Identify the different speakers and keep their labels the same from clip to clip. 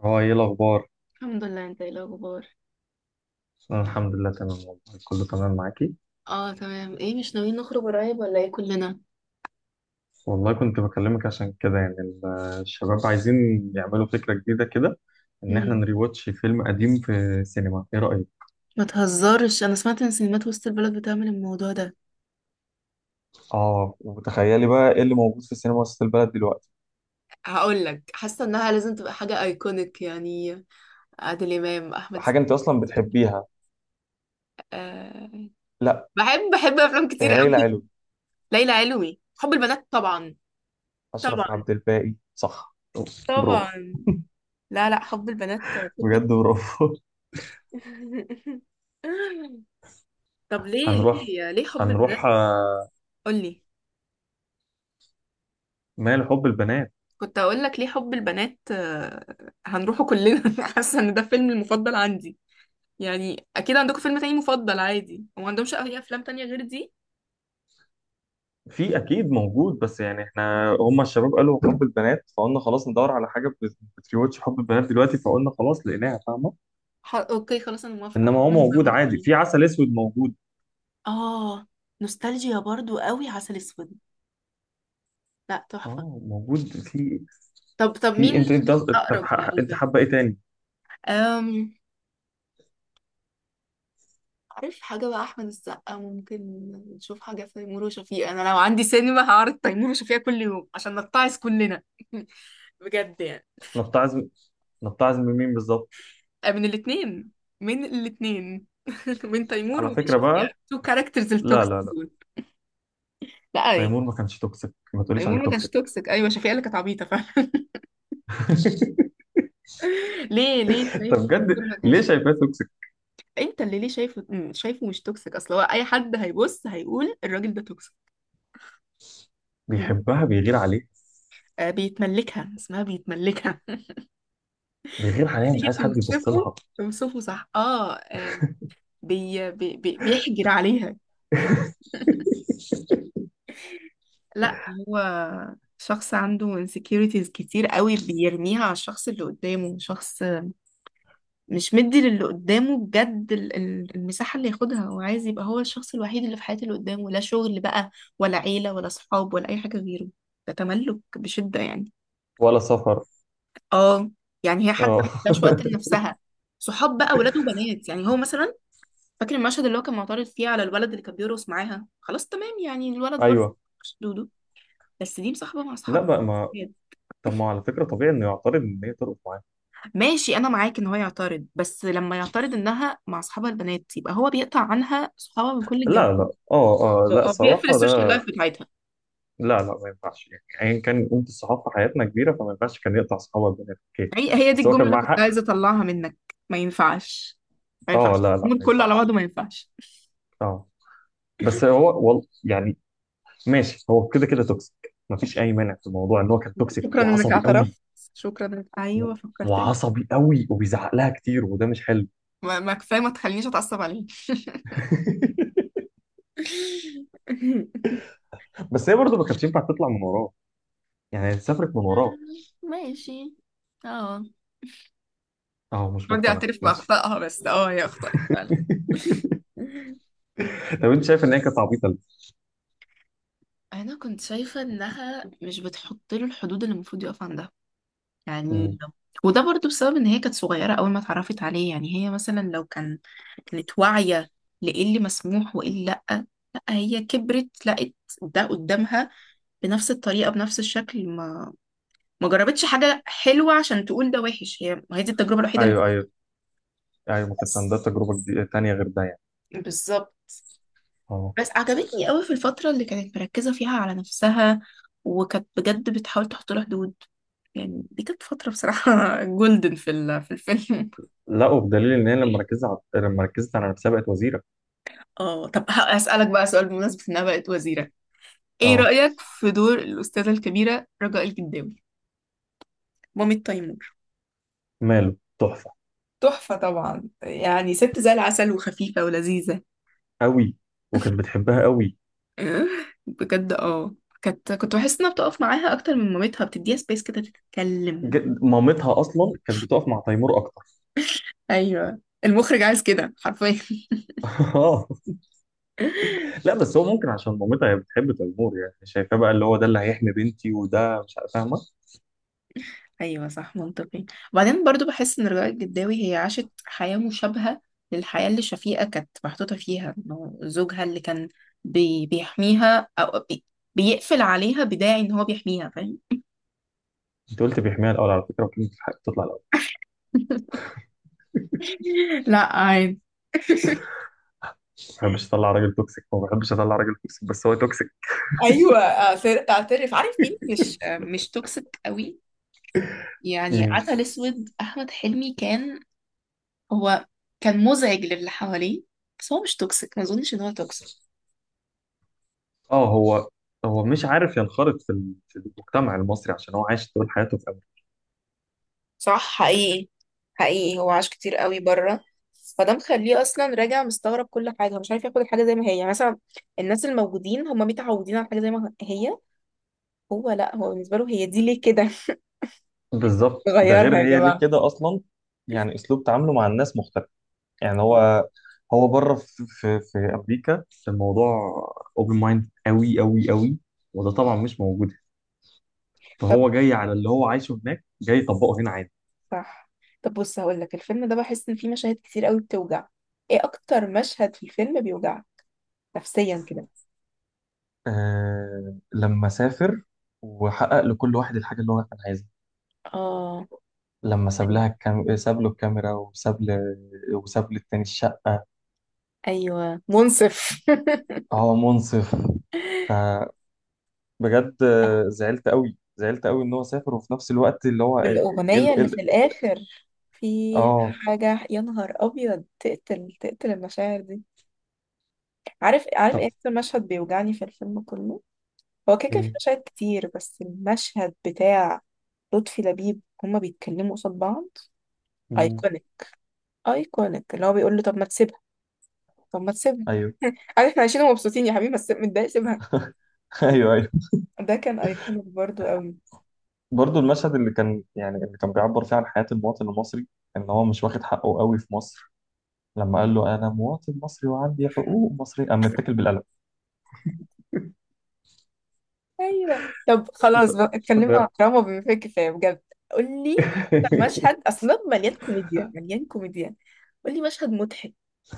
Speaker 1: هو ايه الاخبار؟
Speaker 2: الحمد لله، انت ايه الاخبار؟
Speaker 1: انا الحمد لله تمام والله. كله تمام معاكي؟
Speaker 2: اه تمام. ايه مش ناويين نخرج قريب ولا ايه كلنا؟
Speaker 1: والله كنت بكلمك عشان كده يعني الشباب عايزين يعملوا فكره جديده كده، ان احنا
Speaker 2: مم.
Speaker 1: نريواتش فيلم قديم في السينما، ايه رايك؟
Speaker 2: ما تهزرش، انا سمعت ان سينمات وسط البلد بتعمل الموضوع ده.
Speaker 1: اه وتخيلي بقى ايه اللي موجود في السينما وسط البلد دلوقتي.
Speaker 2: هقول لك، حاسه انها لازم تبقى حاجه ايكونيك يعني، عادل امام، احمد السقا.
Speaker 1: حاجه انت اصلا بتحبيها.
Speaker 2: أه.
Speaker 1: لا،
Speaker 2: بحب افلام كتير
Speaker 1: يا ليلى
Speaker 2: قوي.
Speaker 1: علوي.
Speaker 2: ليلى علوي، حب البنات طبعا،
Speaker 1: اشرف
Speaker 2: طبعا،
Speaker 1: عبد الباقي صح. برافو،
Speaker 2: طبعا. لا، لا، حب البنات. طب.
Speaker 1: بجد برافو.
Speaker 2: طب، ليه
Speaker 1: هنروح،
Speaker 2: ليه ليه حب
Speaker 1: هنروح
Speaker 2: البنات؟
Speaker 1: آه،
Speaker 2: قولي.
Speaker 1: ما لحب البنات.
Speaker 2: كنت هقول لك ليه حب البنات. هنروحه كلنا. حاسه ان ده فيلم المفضل عندي، يعني اكيد عندكم فيلم تاني مفضل عادي، وما عندهمش اي افلام تانية غير دي؟
Speaker 1: في اكيد موجود، بس يعني احنا هم الشباب قالوا حب البنات فقلنا خلاص ندور على حاجه بتريوتش حب البنات دلوقتي، فقلنا خلاص لقيناها، فاهمه.
Speaker 2: اوكي خلاص، انا موافقه،
Speaker 1: انما
Speaker 2: انا
Speaker 1: هو موجود
Speaker 2: بموت
Speaker 1: عادي،
Speaker 2: فيه.
Speaker 1: في عسل اسود موجود.
Speaker 2: اه، نوستالجيا برضو قوي عسل اسود. لا، تحفه.
Speaker 1: اه موجود في.
Speaker 2: طب مين؟
Speaker 1: في، انت
Speaker 2: مين
Speaker 1: طب
Speaker 2: اقرب
Speaker 1: انت
Speaker 2: لقلبك؟
Speaker 1: حابه ايه تاني؟
Speaker 2: أم... عارف، حاجة بقى أحمد السقا ممكن نشوف حاجة في تيمور وشفيقة. أنا لو عندي سينما هعرض تيمور وشفيقة كل يوم عشان نتعس كلنا. بجد يعني.
Speaker 1: نتعظ، نتعظ من مين بالظبط؟
Speaker 2: من الاثنين، من الاثنين. من تيمور
Speaker 1: على
Speaker 2: ومن
Speaker 1: فكره
Speaker 2: شفيقة،
Speaker 1: بقى،
Speaker 2: تو كاركترز
Speaker 1: لا
Speaker 2: التوكسيك
Speaker 1: لا لا،
Speaker 2: دول. لا يعني،
Speaker 1: تيمور ما كانش توكسيك، ما تقوليش عليه
Speaker 2: تيمور ما كانش
Speaker 1: توكسيك.
Speaker 2: توكسيك. ايوه، شفيقة اللي كانت عبيطه فعلا. ليه، ليه
Speaker 1: طب
Speaker 2: شايف
Speaker 1: بجد،
Speaker 2: تيمور ما
Speaker 1: ليه
Speaker 2: كانش؟
Speaker 1: شايفاه توكسيك؟
Speaker 2: انت اللي ليه شايفه شايفه مش توكسيك. اصل هو اي حد هيبص هيقول الراجل ده توكسيك.
Speaker 1: بيحبها بيغير عليه.
Speaker 2: آه، بيتملكها، اسمها بيتملكها.
Speaker 1: بيغير عليها مش
Speaker 2: تيجي
Speaker 1: عايز حد يبص
Speaker 2: توصفه؟
Speaker 1: لها.
Speaker 2: توصفه صح، اه. بيحجر عليها. لا، هو شخص عنده insecurities كتير قوي، بيرميها على الشخص اللي قدامه. شخص مش مدي للي قدامه بجد المساحة اللي ياخدها، وعايز يبقى هو الشخص الوحيد اللي في حياة اللي قدامه. لا شغل بقى، ولا عيلة، ولا صحاب، ولا أي حاجة غيره. ده تملك بشدة يعني.
Speaker 1: ولا سفر.
Speaker 2: اه، يعني هي حتى
Speaker 1: اه.
Speaker 2: مش وقت لنفسها، صحاب بقى، ولاد وبنات. يعني هو مثلا فاكر المشهد اللي هو كان معترض فيه على الولد اللي كان بيرقص معاها. خلاص، تمام، يعني الولد برضه
Speaker 1: ايوه،
Speaker 2: مش دودو، بس دي مصاحبة مع
Speaker 1: لا
Speaker 2: أصحاب
Speaker 1: بقى ما.
Speaker 2: الولاد.
Speaker 1: طب ما على فكرة طبيعي انه يعترض ان هي ترقص معاه.
Speaker 2: ماشي، انا معاك ان هو يعترض، بس لما يعترض انها مع اصحابها البنات يبقى هو بيقطع عنها صحابها من كل الجنب.
Speaker 1: لا لا اه، اه لا
Speaker 2: هو بيقفل
Speaker 1: الصراحة
Speaker 2: السوشيال
Speaker 1: ده.
Speaker 2: لايف بتاعتها.
Speaker 1: لا لا ما ينفعش، يعني ايا كان قيمة الصحاب في حياتنا كبيرة فما ينفعش كان يقطع صحابه البنات، اوكي
Speaker 2: هي دي
Speaker 1: بس هو
Speaker 2: الجملة
Speaker 1: كان
Speaker 2: اللي
Speaker 1: معاه
Speaker 2: كنت
Speaker 1: حق.
Speaker 2: عايزة أطلعها منك. ما ينفعش، ما ينفعش
Speaker 1: اه لا لا
Speaker 2: الأمور
Speaker 1: ما
Speaker 2: كله على بعضه،
Speaker 1: ينفعش.
Speaker 2: ما ينفعش.
Speaker 1: اه بس هو يعني ماشي، هو كده كده توكسيك، ما فيش اي مانع في الموضوع ان هو كان توكسيك
Speaker 2: شكرا إنك
Speaker 1: وعصبي قوي.
Speaker 2: اعترفت، شكرا إنك،
Speaker 1: و-
Speaker 2: أيوه، فكرتني.
Speaker 1: وعصبي قوي وبيزعق لها كتير وده مش حلو.
Speaker 2: ما كفاية، ما تخلينيش أتعصب عليه.
Speaker 1: بس هي برضه ما كانتش ينفع تطلع من وراه، يعني سافرت من وراه.
Speaker 2: ماشي. اه،
Speaker 1: اه مش
Speaker 2: بدي
Speaker 1: مقتنع
Speaker 2: أعترف
Speaker 1: ماشي.
Speaker 2: بأخطائها، بس هي أخطأت فعلا.
Speaker 1: طب انت شايف ان هي كانت عبيطة
Speaker 2: انا كنت شايفه انها مش بتحط له الحدود اللي المفروض يقف عندها،
Speaker 1: ليه؟
Speaker 2: يعني. وده برضو بسبب ان هي كانت صغيرة اول ما اتعرفت عليه. يعني هي مثلا لو كان، كانت واعية لإيه اللي مسموح وإيه اللي لأ. لأ، هي كبرت لقت ده قدامها، بنفس الطريقة بنفس الشكل. ما جربتش حاجة حلوة عشان تقول ده وحش. هي ما هي دي التجربة الوحيدة اللي،
Speaker 1: ايوه ايوه، ايوه ما كانتش
Speaker 2: بس،
Speaker 1: عندها تجربه جديدة تانية غير ده يعني.
Speaker 2: بالظبط.
Speaker 1: اه.
Speaker 2: بس عجبتني قوي في الفترة اللي كانت مركزة فيها على نفسها، وكانت بجد بتحاول تحط لها حدود. يعني دي كانت فترة، بصراحة، جولدن في في الفيلم.
Speaker 1: لا وبدليل ان هي لما ركزت على نفسها بقت وزيره.
Speaker 2: اه، طب هسألك بقى سؤال، بمناسبة انها بقت وزيرة، ايه
Speaker 1: اه
Speaker 2: رأيك في دور الأستاذة الكبيرة رجاء الجداوي، مامة تيمور؟
Speaker 1: ماله تحفه،
Speaker 2: تحفة طبعا، يعني ست زي العسل، وخفيفة ولذيذة.
Speaker 1: قوي. وكانت بتحبها قوي.
Speaker 2: آه، بجد. اه، كنت بحس انها بتقف معاها اكتر من مامتها، بتديها سبيس كده تتكلم.
Speaker 1: مامتها اصلا كانت بتقف مع تيمور اكتر.
Speaker 2: ايوه، المخرج عايز كده حرفيا.
Speaker 1: اه لا بس هو ممكن عشان مامتها هي بتحب تيمور، يعني شايفاه بقى اللي هو ده اللي هيحمي بنتي، وده مش عارف- فاهمه.
Speaker 2: ايوه، صح، منطقي. وبعدين برضو بحس ان رجاء الجداوي هي عاشت حياه مشابهه للحياه اللي شفيقه كانت محطوطه فيها، انه زوجها اللي كان بيحميها، او بيقفل عليها بداعي ان هو بيحميها، فاهم؟
Speaker 1: انت قلت بيحميها الاول على فكره، وكلمه الحق تطلع الاول.
Speaker 2: لا عادي.
Speaker 1: ما بحبش اطلع راجل توكسيك، ما بحبش اطلع راجل توكسيك، بس هو توكسيك.
Speaker 2: ايوه، اعترف. عارف مين مش توكسيك قوي؟ يعني عسل اسود، احمد حلمي، كان هو كان مزعج للي حواليه، بس هو مش توكسيك. ما اظنش ان هو توكسيك.
Speaker 1: اه هو، هو مش عارف ينخرط في في المجتمع المصري عشان هو عايش طول حياته في امريكا.
Speaker 2: صح، حقيقي. حقيقي، هو عاش كتير قوي بره، فده مخليه اصلا راجع مستغرب كل حاجه، مش عارف ياخد الحاجه زي ما هي. يعني مثلا الناس الموجودين هم متعودين على حاجه زي ما هي، هو لا، هو بالنسبه له هي دي ليه كده.
Speaker 1: بالظبط، ده
Speaker 2: غيرها
Speaker 1: غير
Speaker 2: يا
Speaker 1: هي ليه
Speaker 2: جماعة.
Speaker 1: كده اصلا. يعني اسلوب تعامله مع الناس مختلف. يعني هو، هو بره في امريكا الموضوع اوبن مايند قوي قوي قوي، وده طبعا مش موجود،
Speaker 2: طب،
Speaker 1: فهو جاي على اللي هو عايشه هناك جاي يطبقه هنا عادي.
Speaker 2: صح. طب بص، هقول لك الفيلم ده بحس ان فيه مشاهد كتير قوي بتوجع. ايه اكتر مشهد في الفيلم بيوجعك نفسيا كده؟
Speaker 1: آه لما سافر وحقق لكل واحد الحاجة اللي هو كان عايزها.
Speaker 2: اه،
Speaker 1: لما ساب له الكاميرا وساب للتاني الشقة.
Speaker 2: ايوه، منصف.
Speaker 1: هو منصف. فبجد زعلت قوي، زعلت قوي ان هو سافر وفي نفس الوقت اللي هو.
Speaker 2: بالأغنية
Speaker 1: ال
Speaker 2: اللي في
Speaker 1: ال
Speaker 2: الآخر، في
Speaker 1: اه
Speaker 2: حاجة يا نهار أبيض، تقتل تقتل المشاعر دي. عارف، إيه
Speaker 1: طب
Speaker 2: أكتر مشهد بيوجعني في الفيلم كله؟ هو كده كده في
Speaker 1: ايه؟
Speaker 2: مشاهد كتير، بس المشهد بتاع لطفي لبيب، هما بيتكلموا قصاد بعض.
Speaker 1: مم.
Speaker 2: ايكونيك، ايكونيك، اللي هو بيقول له: طب ما تسيبها، طب ما تسيبها.
Speaker 1: ايوه.
Speaker 2: عارف، احنا عايشين ومبسوطين يا حبيبي بس متضايق سيبها.
Speaker 1: ايوه، ايوه.
Speaker 2: ده كان ايكونيك برضو قوي.
Speaker 1: برضه المشهد اللي كان يعني اللي كان بيعبر فيه عن حياة المواطن المصري، ان هو مش واخد حقه قوي في مصر. لما قال له انا مواطن مصري وعندي حقوق مصرية قام متكل بالقلم.
Speaker 2: ايوه، طب خلاص
Speaker 1: ف-
Speaker 2: بقى، اتكلمنا عن
Speaker 1: ف-
Speaker 2: دراما بما فيه الكفايه، بجد. قول لي. طب مشهد اصلا مليان كوميديا، مليان كوميديا. قول لي مشهد مضحك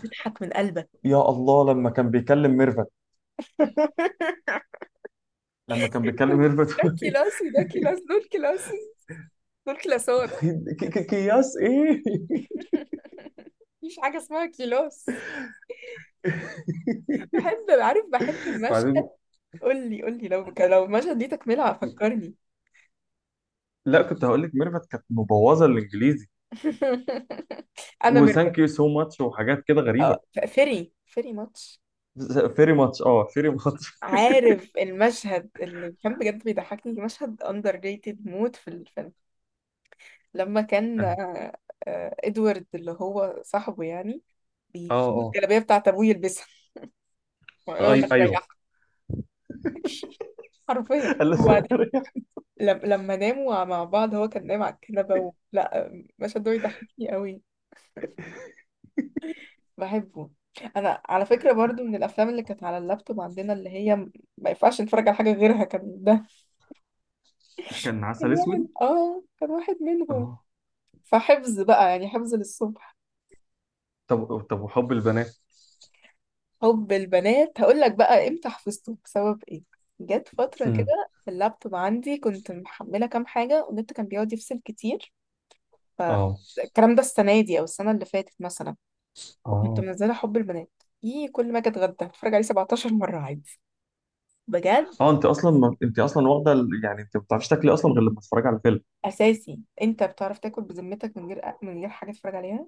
Speaker 2: تضحك من قلبك.
Speaker 1: يا الله، لما كان بيكلم ميرفت، لما كان بيكلم ميرفت.
Speaker 2: ده كيلاسي، ده كيلاس، دول كيلاسي، دول كلاسات.
Speaker 1: كياس ايه.
Speaker 2: مفيش حاجه اسمها كيلاس. بحب، عارف، بحب
Speaker 1: بعدين،
Speaker 2: المشهد. قول لي، قول لي، لو المشهد ليه تكمله، فكرني.
Speaker 1: لا كنت هقول لك ميرفت كانت مبوظه الانجليزي،
Speaker 2: انا مركب.
Speaker 1: وثانك يو سو ماتش وحاجات كده غريبه.
Speaker 2: فيري فيري ماتش.
Speaker 1: فيري ماتش، اه فيري ماتش.
Speaker 2: عارف المشهد اللي كان بجد بيضحكني، مشهد اندر ريتد موت في الفيلم. لما كان
Speaker 1: أنا،
Speaker 2: آه، ادوارد اللي هو صاحبه يعني، بيجيب
Speaker 1: اه
Speaker 2: الجلابية بتاعت ابوه يلبسها.
Speaker 1: اه
Speaker 2: ويقول له
Speaker 1: ايوه.
Speaker 2: هتريحك، حرفيا.
Speaker 1: قال له-
Speaker 2: وبعدين، لما ناموا مع بعض، هو كان نايم على الكنبة لا، المشهد ده بيضحكني قوي. بحبه. انا على فكرة برضو من الافلام اللي كانت على اللابتوب عندنا، اللي هي ما ينفعش نتفرج على حاجة غيرها، كان ده.
Speaker 1: كان
Speaker 2: كان
Speaker 1: عسل
Speaker 2: واحد،
Speaker 1: اسود.
Speaker 2: كان واحد منهم.
Speaker 1: اه
Speaker 2: فحفظ بقى، يعني حفظ للصبح.
Speaker 1: طب، طب وحب البنات.
Speaker 2: حب البنات هقول لك بقى امتى حفظته بسبب ايه. جت فترة
Speaker 1: امم.
Speaker 2: كده اللابتوب عندي كنت محملة كام حاجة، والنت كان بيقعد يفصل كتير. ف
Speaker 1: اه
Speaker 2: الكلام ده السنة دي أو السنة اللي فاتت مثلا، وكنت
Speaker 1: اه
Speaker 2: منزلة حب البنات. ايه، كل ما أجي أتغدى أتفرج عليه 17 مرة عادي، بجد.
Speaker 1: اه انت اصلا ما... انت اصلا واخده يعني انت ما بتعرفيش تاكلي اصلا غير لما تتفرجي على الفيلم.
Speaker 2: أساسي أنت بتعرف تاكل بذمتك من غير، حاجة تتفرج عليها؟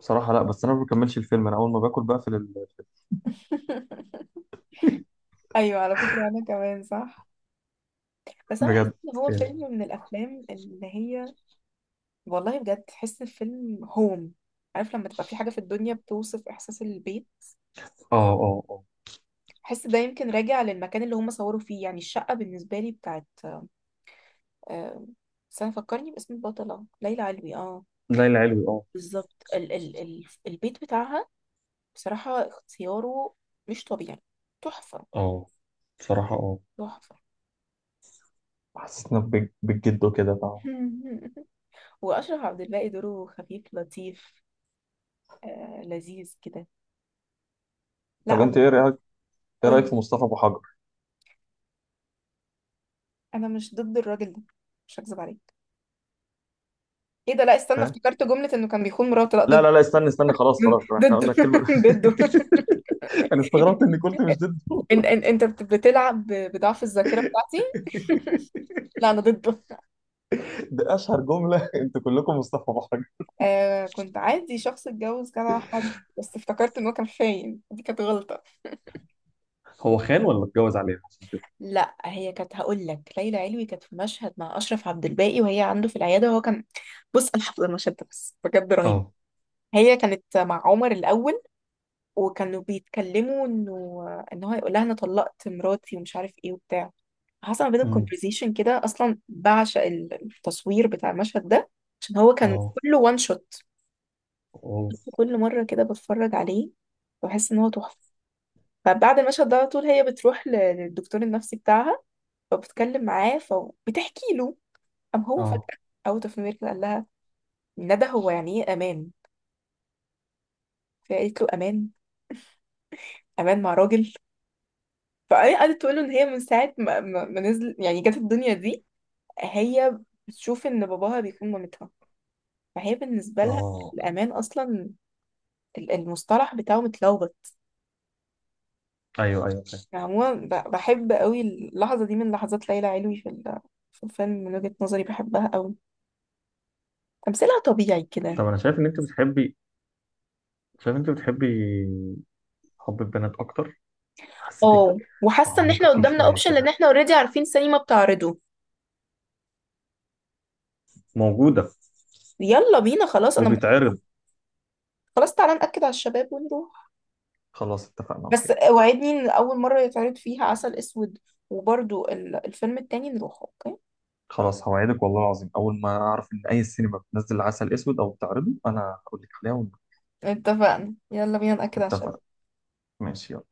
Speaker 1: بصراحه لا، بس انا ما بكملش الفيلم، انا اول ما باكل بقفل ال...
Speaker 2: أيوة، على فكرة أنا كمان صح. بس أنا بحس
Speaker 1: بجد
Speaker 2: إن هو
Speaker 1: يعني.
Speaker 2: فيلم من الأفلام اللي هي، والله بجد، تحس الفيلم هوم. عارف لما تبقى في حاجة في الدنيا بتوصف إحساس البيت؟
Speaker 1: اه اه اه
Speaker 2: بحس ده يمكن راجع للمكان اللي هم صوروا فيه، يعني الشقة بالنسبة لي بتاعت، آه، استنى فكرني باسم البطلة، ليلى علوي، اه.
Speaker 1: ليلى علوي اه.
Speaker 2: بالظبط، ال البيت بتاعها، بصراحة اختياره مش طبيعي، تحفة،
Speaker 1: اه بصراحة اه،
Speaker 2: تحفة.
Speaker 1: بالجد وكده.
Speaker 2: وأشرف عبد الباقي دوره خفيف لطيف، آه، لذيذ كده.
Speaker 1: طب
Speaker 2: لا،
Speaker 1: انت ايه رايك؟ ايه
Speaker 2: قولي.
Speaker 1: رايك في مصطفى ابو حجر؟
Speaker 2: أنا مش ضد الراجل ده، مش هكذب عليك. ايه ده؟ لا استنى،
Speaker 1: فاهم،
Speaker 2: افتكرت جملة انه كان بيخون مراته، لا
Speaker 1: لا
Speaker 2: ضد.
Speaker 1: لا لا استنى، استنى خلاص خلاص، احنا
Speaker 2: ضده.
Speaker 1: قلنا الكلمه دي.
Speaker 2: ضده.
Speaker 1: انا استغربت اني قلت مش ضده.
Speaker 2: ان انت بتلعب بضعف الذاكرة بتاعتي. لا، انا ضده.
Speaker 1: ده اشهر جمله، انتوا كلكم مصطفى ابو حجر.
Speaker 2: آه، كنت عادي شخص اتجوز كذا حد، بس افتكرت ان هو كان خاين، دي كانت غلطة.
Speaker 1: هو خان ولا اتجوز عليها عشان كده؟
Speaker 2: لا، هي كانت، هقول لك، ليلى علوي كانت في مشهد مع اشرف عبد الباقي، وهي عنده في العيادة وهو كان، بص انا حافظة المشهد ده بس بجد رهيب.
Speaker 1: اه.
Speaker 2: هي كانت مع عمر الاول، وكانوا بيتكلموا انه، ان هو هيقول لها انا طلقت مراتي ومش عارف ايه وبتاع. حصل ما بينهم
Speaker 1: أمم.
Speaker 2: كونفرزيشن كده، اصلا بعشق التصوير بتاع المشهد ده، عشان هو كان
Speaker 1: اه
Speaker 2: كله وان شوت.
Speaker 1: اه
Speaker 2: كل مره كده بتفرج عليه بحس ان هو تحفه. فبعد المشهد ده على طول، هي بتروح للدكتور النفسي بتاعها، فبتتكلم معاه، فبتحكي له. قام هو فجاه،
Speaker 1: اه
Speaker 2: اوت اوف نوير، قال لها: ندى، هو يعني ايه امان؟ فقالت له: امان، امان مع راجل. فقعدت تقول له ان هي من ساعه ما نزل، يعني جت الدنيا دي، هي بتشوف ان باباها بيكون مامتها. فهي بالنسبه لها
Speaker 1: اه.
Speaker 2: الامان اصلا، المصطلح بتاعه متلخبط.
Speaker 1: ايوه ايوه فاهم.
Speaker 2: عموما بحب قوي اللحظه دي من لحظات ليلى علوي في في الفيلم، من وجهه نظري بحبها قوي، تمثيلها طبيعي كده.
Speaker 1: طب انا شايف ان انت بتحبي، شايف ان انت بتحبي حب البنات اكتر. حسيتك
Speaker 2: اه، وحاسه ان
Speaker 1: تعمقة
Speaker 2: احنا
Speaker 1: فيه
Speaker 2: قدامنا
Speaker 1: شويه
Speaker 2: اوبشن، لان
Speaker 1: كده.
Speaker 2: احنا اوريدي عارفين سينما بتعرضه.
Speaker 1: موجوده،
Speaker 2: يلا بينا، خلاص،
Speaker 1: وبيتعرض.
Speaker 2: خلاص تعالى ناكد على الشباب ونروح.
Speaker 1: خلاص اتفقنا،
Speaker 2: بس
Speaker 1: اوكي.
Speaker 2: وعدني ان اول مره يتعرض فيها عسل اسود، وبرضو الفيلم التاني نروح، اوكي؟
Speaker 1: خلاص هوعدك والله العظيم، اول ما اعرف ان اي سينما بتنزل عسل اسود او بتعرضه انا هقول لك عليها.
Speaker 2: اتفقنا، يلا بينا نأكد على الشباب.
Speaker 1: ونتفق. ماشي يلا.